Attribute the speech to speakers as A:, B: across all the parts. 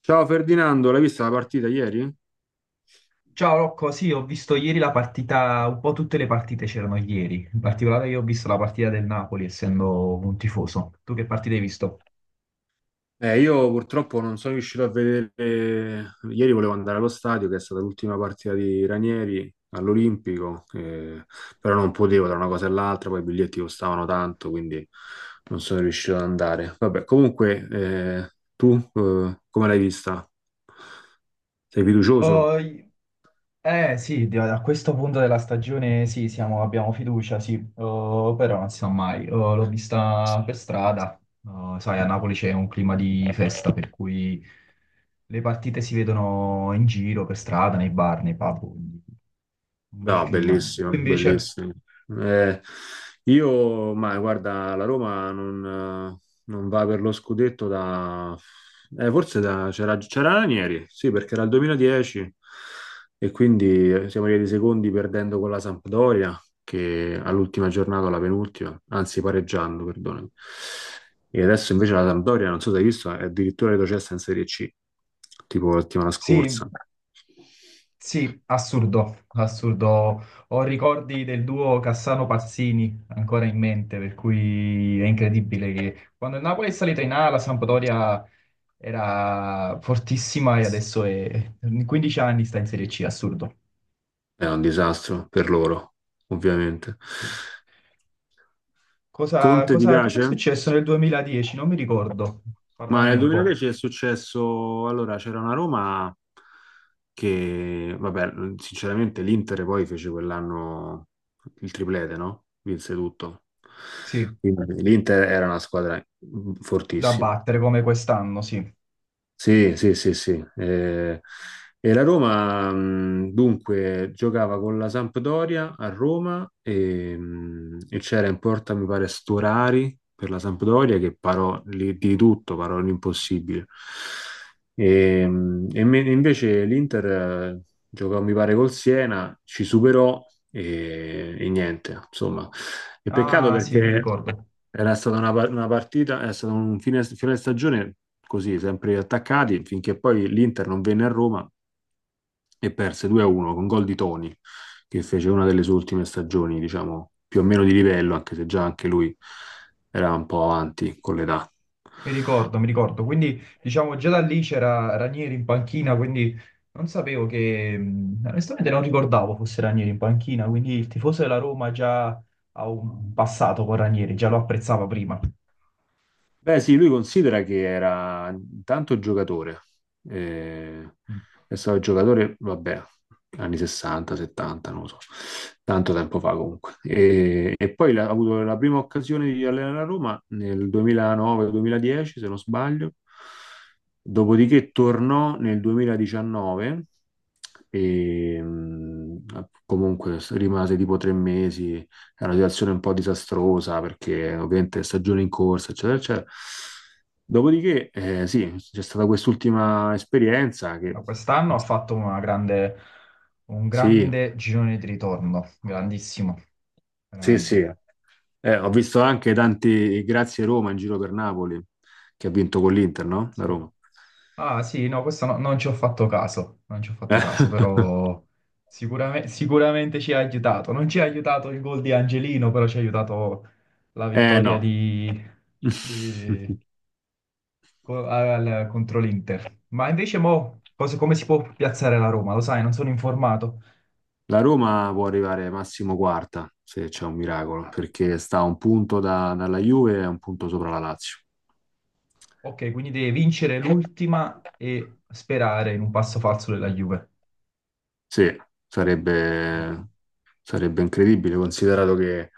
A: Ciao Ferdinando, l'hai vista la partita ieri?
B: Ciao Rocco, sì, ho visto ieri la partita, un po' tutte le partite c'erano ieri, in particolare io ho visto la partita del Napoli, essendo un tifoso. Tu che partita hai visto?
A: Io purtroppo non sono riuscito a vedere. Ieri volevo andare allo stadio, che è stata l'ultima partita di Ranieri all'Olimpico, però non potevo tra una cosa e l'altra, poi i biglietti costavano tanto, quindi non sono riuscito ad andare. Vabbè, comunque, tu come l'hai vista? Sei fiducioso?
B: Oh, eh sì, a questo punto della stagione sì, abbiamo fiducia, sì. Oh, però non si sa mai. Oh, l'ho vista per strada. Oh, sai, a Napoli c'è un clima di festa, per cui le partite si vedono in giro, per strada, nei bar, nei pub, quindi un bel
A: No,
B: clima.
A: bellissimo,
B: Tu invece?
A: bellissimo. Eh, io, ma guarda, la Roma eh, non va per lo scudetto da... forse da... c'era Ranieri, sì, perché era il 2010 e quindi siamo arrivati secondi perdendo con la Sampdoria, che all'ultima giornata, alla penultima, anzi pareggiando, perdonami. E adesso invece la Sampdoria, non so se hai visto, è addirittura retrocessa in Serie C, tipo la settimana
B: Sì.
A: scorsa.
B: Sì, assurdo, assurdo. Ho ricordi del duo Cassano-Pazzini ancora in mente, per cui è incredibile che quando il Napoli è salita in A, la Sampdoria era fortissima e adesso è in 15 anni sta in Serie C, assurdo.
A: È un disastro per loro, ovviamente.
B: Sì. Cosa,
A: Conte ti
B: cosa- cosa è
A: piace?
B: successo nel 2010? Non mi ricordo.
A: Ma
B: Parlamene
A: nel
B: un po'.
A: 2010 è successo, allora c'era una Roma che, vabbè, sinceramente l'Inter poi fece quell'anno il triplete, no? Vinse tutto.
B: Sì,
A: Quindi l'Inter era una squadra
B: da
A: fortissima.
B: battere come quest'anno, sì.
A: Sì, sì, sì, sì. E la Roma, dunque, giocava con la Sampdoria a Roma e c'era in porta, mi pare, Storari per la Sampdoria che parò lì di tutto, parò l'impossibile. E invece l'Inter giocò, mi pare, col Siena, ci superò e niente, insomma. E peccato
B: Ah, sì, mi
A: perché...
B: ricordo.
A: Era stata una partita, è stato un fine stagione così, sempre attaccati, finché poi l'Inter non venne a Roma e perse 2-1 con gol di Toni, che fece una delle sue ultime stagioni, diciamo, più o meno di livello, anche se già anche lui era un po' avanti con l'età.
B: Mi ricordo, mi ricordo. Quindi, diciamo, già da lì c'era Ranieri in panchina, quindi non sapevo che onestamente non ricordavo fosse Ranieri in panchina, quindi il tifoso della Roma già ha un passato con Ranieri, già lo apprezzava prima.
A: Beh, sì, lui considera che era intanto giocatore, eh,
B: Mm.
A: è stato giocatore, vabbè, anni 60, 70, non lo so, tanto tempo fa comunque. E poi ha avuto la prima occasione di allenare a Roma nel 2009-2010, se non sbaglio, dopodiché tornò nel 2019 e comunque rimase tipo 3 mesi, è una situazione un po' disastrosa perché ovviamente stagione in corsa, eccetera, eccetera. Dopodiché, sì, c'è stata quest'ultima esperienza che
B: Allora, quest'anno ha fatto un
A: sì,
B: grande girone di ritorno, grandissimo,
A: sì, sì.
B: veramente.
A: Ho visto anche tanti grazie Roma in giro per Napoli, che ha vinto con l'Inter, no? La
B: Sì.
A: Roma.
B: Ah sì, no, questo non ci ho fatto caso, non ci ho fatto
A: Eh,
B: caso, però sicuramente ci ha aiutato. Non ci ha aiutato il gol di Angelino, però ci ha aiutato la vittoria
A: no.
B: di- contro l'Inter. Ma invece mo, come si può piazzare la Roma? Lo sai, non sono informato.
A: La Roma può arrivare massimo quarta, se c'è un miracolo,
B: Ah,
A: perché sta a un punto dalla Juve e un punto sopra la Lazio.
B: ok, quindi deve vincere l'ultima e sperare in un passo falso della Juve.
A: Sì,
B: Ok.
A: sarebbe, sarebbe incredibile, considerato che,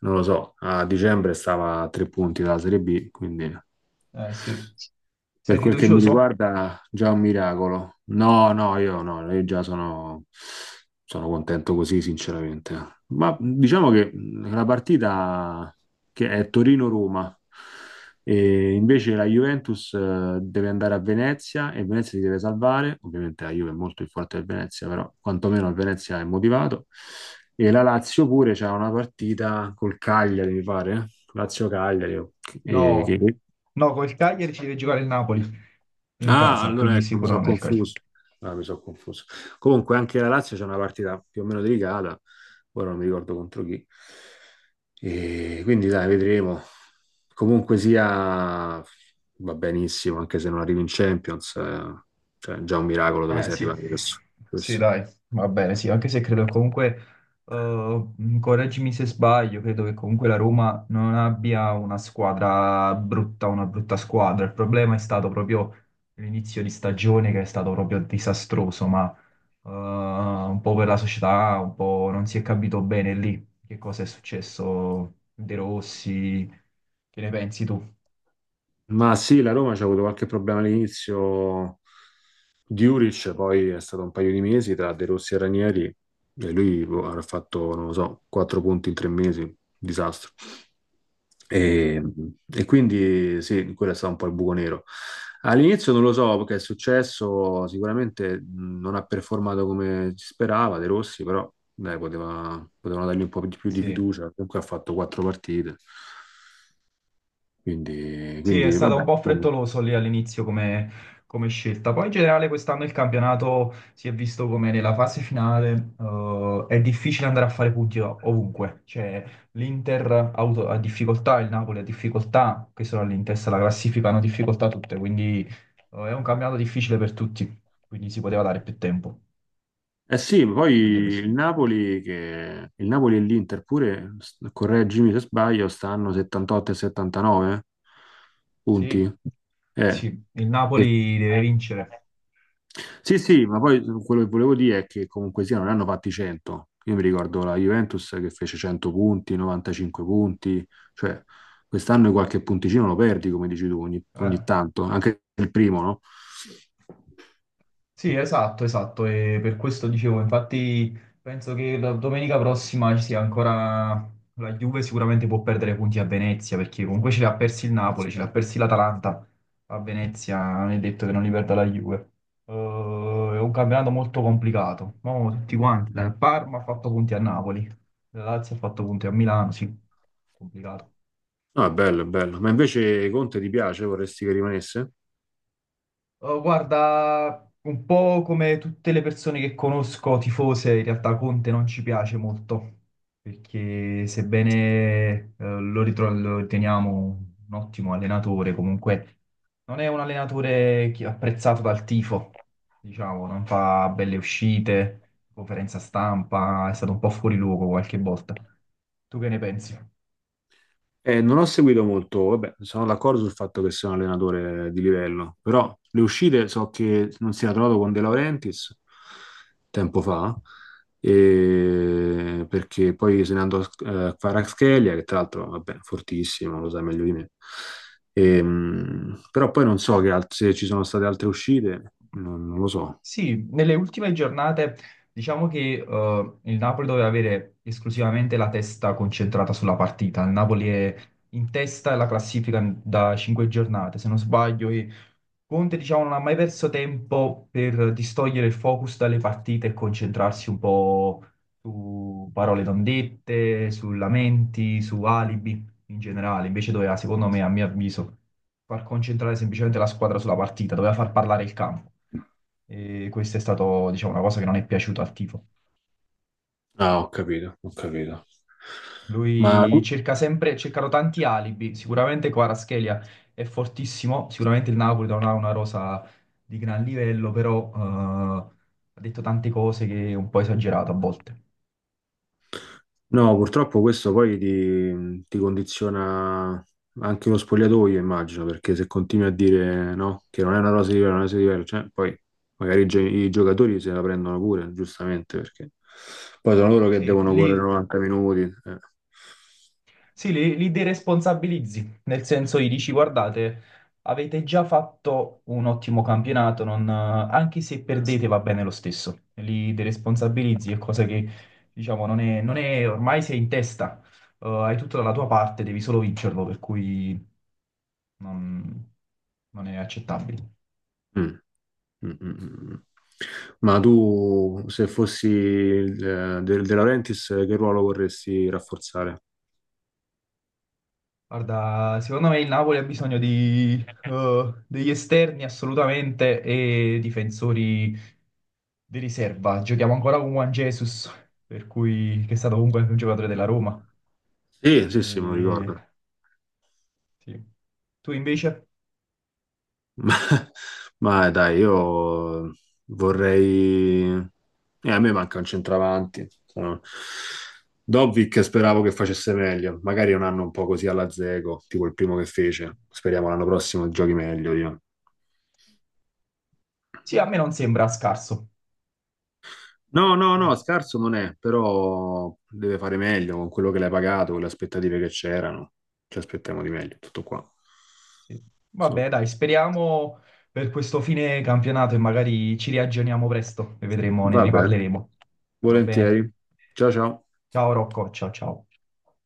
A: non lo so, a dicembre stava a tre punti dalla Serie B, quindi
B: Sì.
A: per
B: Sei
A: quel che mi
B: fiducioso?
A: riguarda, già un miracolo. No, no, io no, io già sono contento così, sinceramente. Ma diciamo che la partita che è Torino-Roma, e invece la Juventus deve andare a Venezia e Venezia si deve salvare. Ovviamente la Juve è molto più forte del Venezia, però quantomeno il Venezia è motivato. E la Lazio pure c'ha una partita col Cagliari, mi pare. Eh? Lazio-Cagliari, eh,
B: No,
A: che,
B: no, col Cagliari ci deve giocare il Napoli in
A: ah,
B: casa,
A: allora
B: quindi
A: ecco, mi
B: sicuro
A: sono
B: non è il Cagliari.
A: confuso. Ah, mi sono confuso. Comunque, anche la Lazio c'è una partita più o meno delicata. Ora non mi ricordo contro chi. E quindi, dai, vedremo. Comunque sia, va benissimo, anche se non arrivi in Champions. Cioè, è già un miracolo dove
B: Eh
A: sei
B: sì,
A: arrivato adesso.
B: sì
A: Questo.
B: dai, va bene, sì, anche se credo comunque, eh, correggimi se sbaglio, credo che comunque la Roma non abbia una squadra brutta, una brutta squadra, il problema è stato proprio l'inizio di stagione che è stato proprio disastroso, ma un po' per la società, un po' non si è capito bene lì che cosa è successo, De Rossi, che ne pensi tu?
A: Ma sì, la Roma c'ha avuto qualche problema all'inizio. Diuric poi è stato un paio di mesi tra De Rossi e Ranieri e lui boh, avrà fatto, non lo so, quattro punti in 3 mesi, disastro.
B: Sì,
A: E, e quindi sì, quello è stato un po' il buco nero. All'inizio non lo so che è successo, sicuramente non ha performato come si sperava De Rossi, però dai, potevano dargli un po' di più di
B: sì.
A: fiducia, comunque ha fatto quattro partite, quindi,
B: Sì, è
A: quindi
B: stato un
A: vabbè.
B: po' frettoloso lì all'inizio come scelta. Poi in generale quest'anno il campionato si è visto come nella fase finale, è difficile andare a fare punti ovunque. Cioè l'Inter ha difficoltà, il Napoli ha difficoltà, che sono lì in testa alla classifica, hanno difficoltà tutte, quindi è un campionato difficile per tutti, quindi si poteva dare più tempo.
A: Eh sì, poi
B: Davvero sì.
A: il Napoli, il Napoli e l'Inter pure, correggimi se sbaglio, stanno 78 e 79
B: Sì,
A: punti. Eh,
B: sì, il Napoli deve vincere.
A: Sì, sì, ma poi quello che volevo dire è che comunque sia, non ne hanno fatti 100. Io mi ricordo la Juventus che fece 100 punti, 95 punti, cioè quest'anno qualche punticino lo perdi, come dici tu, ogni
B: Eh.
A: tanto, anche il primo, no?
B: Sì, esatto, esatto, e per questo dicevo, infatti penso che la domenica prossima ci sia ancora la Juve sicuramente può perdere punti a Venezia, perché comunque ce li ha persi il Napoli, ce li ha persi l'Atalanta, a Venezia non è detto che non li perda la Juve. Eh, è un campionato molto complicato, ma tutti quanti, la Parma ha fatto punti a Napoli, la Lazio ha fatto punti a Milano, sì, complicato.
A: No, è bello, è bello. Ma invece Conte ti piace? Vorresti che rimanesse?
B: Oh, guarda, un po' come tutte le persone che conosco, tifose, in realtà Conte non ci piace molto, perché sebbene lo riteniamo un ottimo allenatore, comunque non è un allenatore apprezzato dal tifo, diciamo, non fa belle uscite, conferenza stampa, è stato un po' fuori luogo qualche volta. Tu che ne pensi?
A: Non ho seguito molto, vabbè, sono d'accordo sul fatto che sia un allenatore di livello, però le uscite so che non si era trovato con De Laurentiis tempo fa, perché poi se ne andò a Kvaratskhelia, che tra l'altro, vabbè, fortissimo, lo sai meglio di me. Però poi non so se ci sono state altre uscite, non lo so.
B: Sì, nelle ultime giornate diciamo che il Napoli doveva avere esclusivamente la testa concentrata sulla partita. Il Napoli è in testa alla classifica da cinque giornate, se non sbaglio, e Conte diciamo non ha mai perso tempo per distogliere il focus dalle partite e concentrarsi un po' su parole non dette, su lamenti, su alibi in generale. Invece doveva, secondo me, a mio avviso far concentrare semplicemente la squadra sulla partita, doveva far parlare il campo. E questa è stata, diciamo, una cosa che non è piaciuta al tifo.
A: Ah, ho capito, ho capito. Ma...
B: Lui cerca sempre, cercano tanti alibi, sicuramente Kvaratskhelia è fortissimo, sicuramente il Napoli non ha una rosa di gran livello, però ha detto tante cose che è un po' esagerate a volte.
A: No, purtroppo questo poi ti condiziona anche lo spogliatoio, immagino, perché se continui a dire no, che non è una cosa diversa, non è una cosa diversa, cioè, poi magari i giocatori se la prendono pure, giustamente, perché poi sono loro che
B: Sì,
A: devono correre
B: lì.
A: 90 minuti, eh.
B: Sì, li deresponsabilizzi, nel senso gli dici, guardate, avete già fatto un ottimo campionato, anche se perdete va bene lo stesso. Li deresponsabilizzi, è cosa che, diciamo, non è, non è- ormai sei in testa, hai tutto dalla tua parte, devi solo vincerlo, per cui non, non è accettabile.
A: Mm, mm, mm, mm. Mm. Ma tu, se fossi il De Laurentiis, che ruolo vorresti rafforzare?
B: Guarda, secondo me il Napoli ha bisogno degli esterni assolutamente e difensori di riserva. Giochiamo ancora con Juan Jesus, per cui, che è stato comunque un giocatore della Roma.
A: Sì, sì, sì, me lo
B: E,
A: ricordo.
B: sì. Tu invece?
A: Ma, ma dai, io vorrei... a me manca un centravanti. Sono... Dobbik speravo che facesse meglio, magari un anno un po' così alla Zego, tipo il primo che fece. Speriamo l'anno prossimo giochi meglio io.
B: Sì, a me non sembra scarso.
A: No, no,
B: Mm,
A: no, scarso non è, però deve fare meglio con quello che l'hai pagato, con le aspettative che c'erano. Ci aspettiamo di meglio, tutto qua.
B: sì. Vabbè,
A: Insomma,
B: dai, speriamo per questo fine campionato e magari ci riaggiorniamo presto e vedremo, ne
A: va bene.
B: riparleremo. Va bene?
A: Volentieri. Ciao ciao.
B: Ciao Rocco, ciao ciao.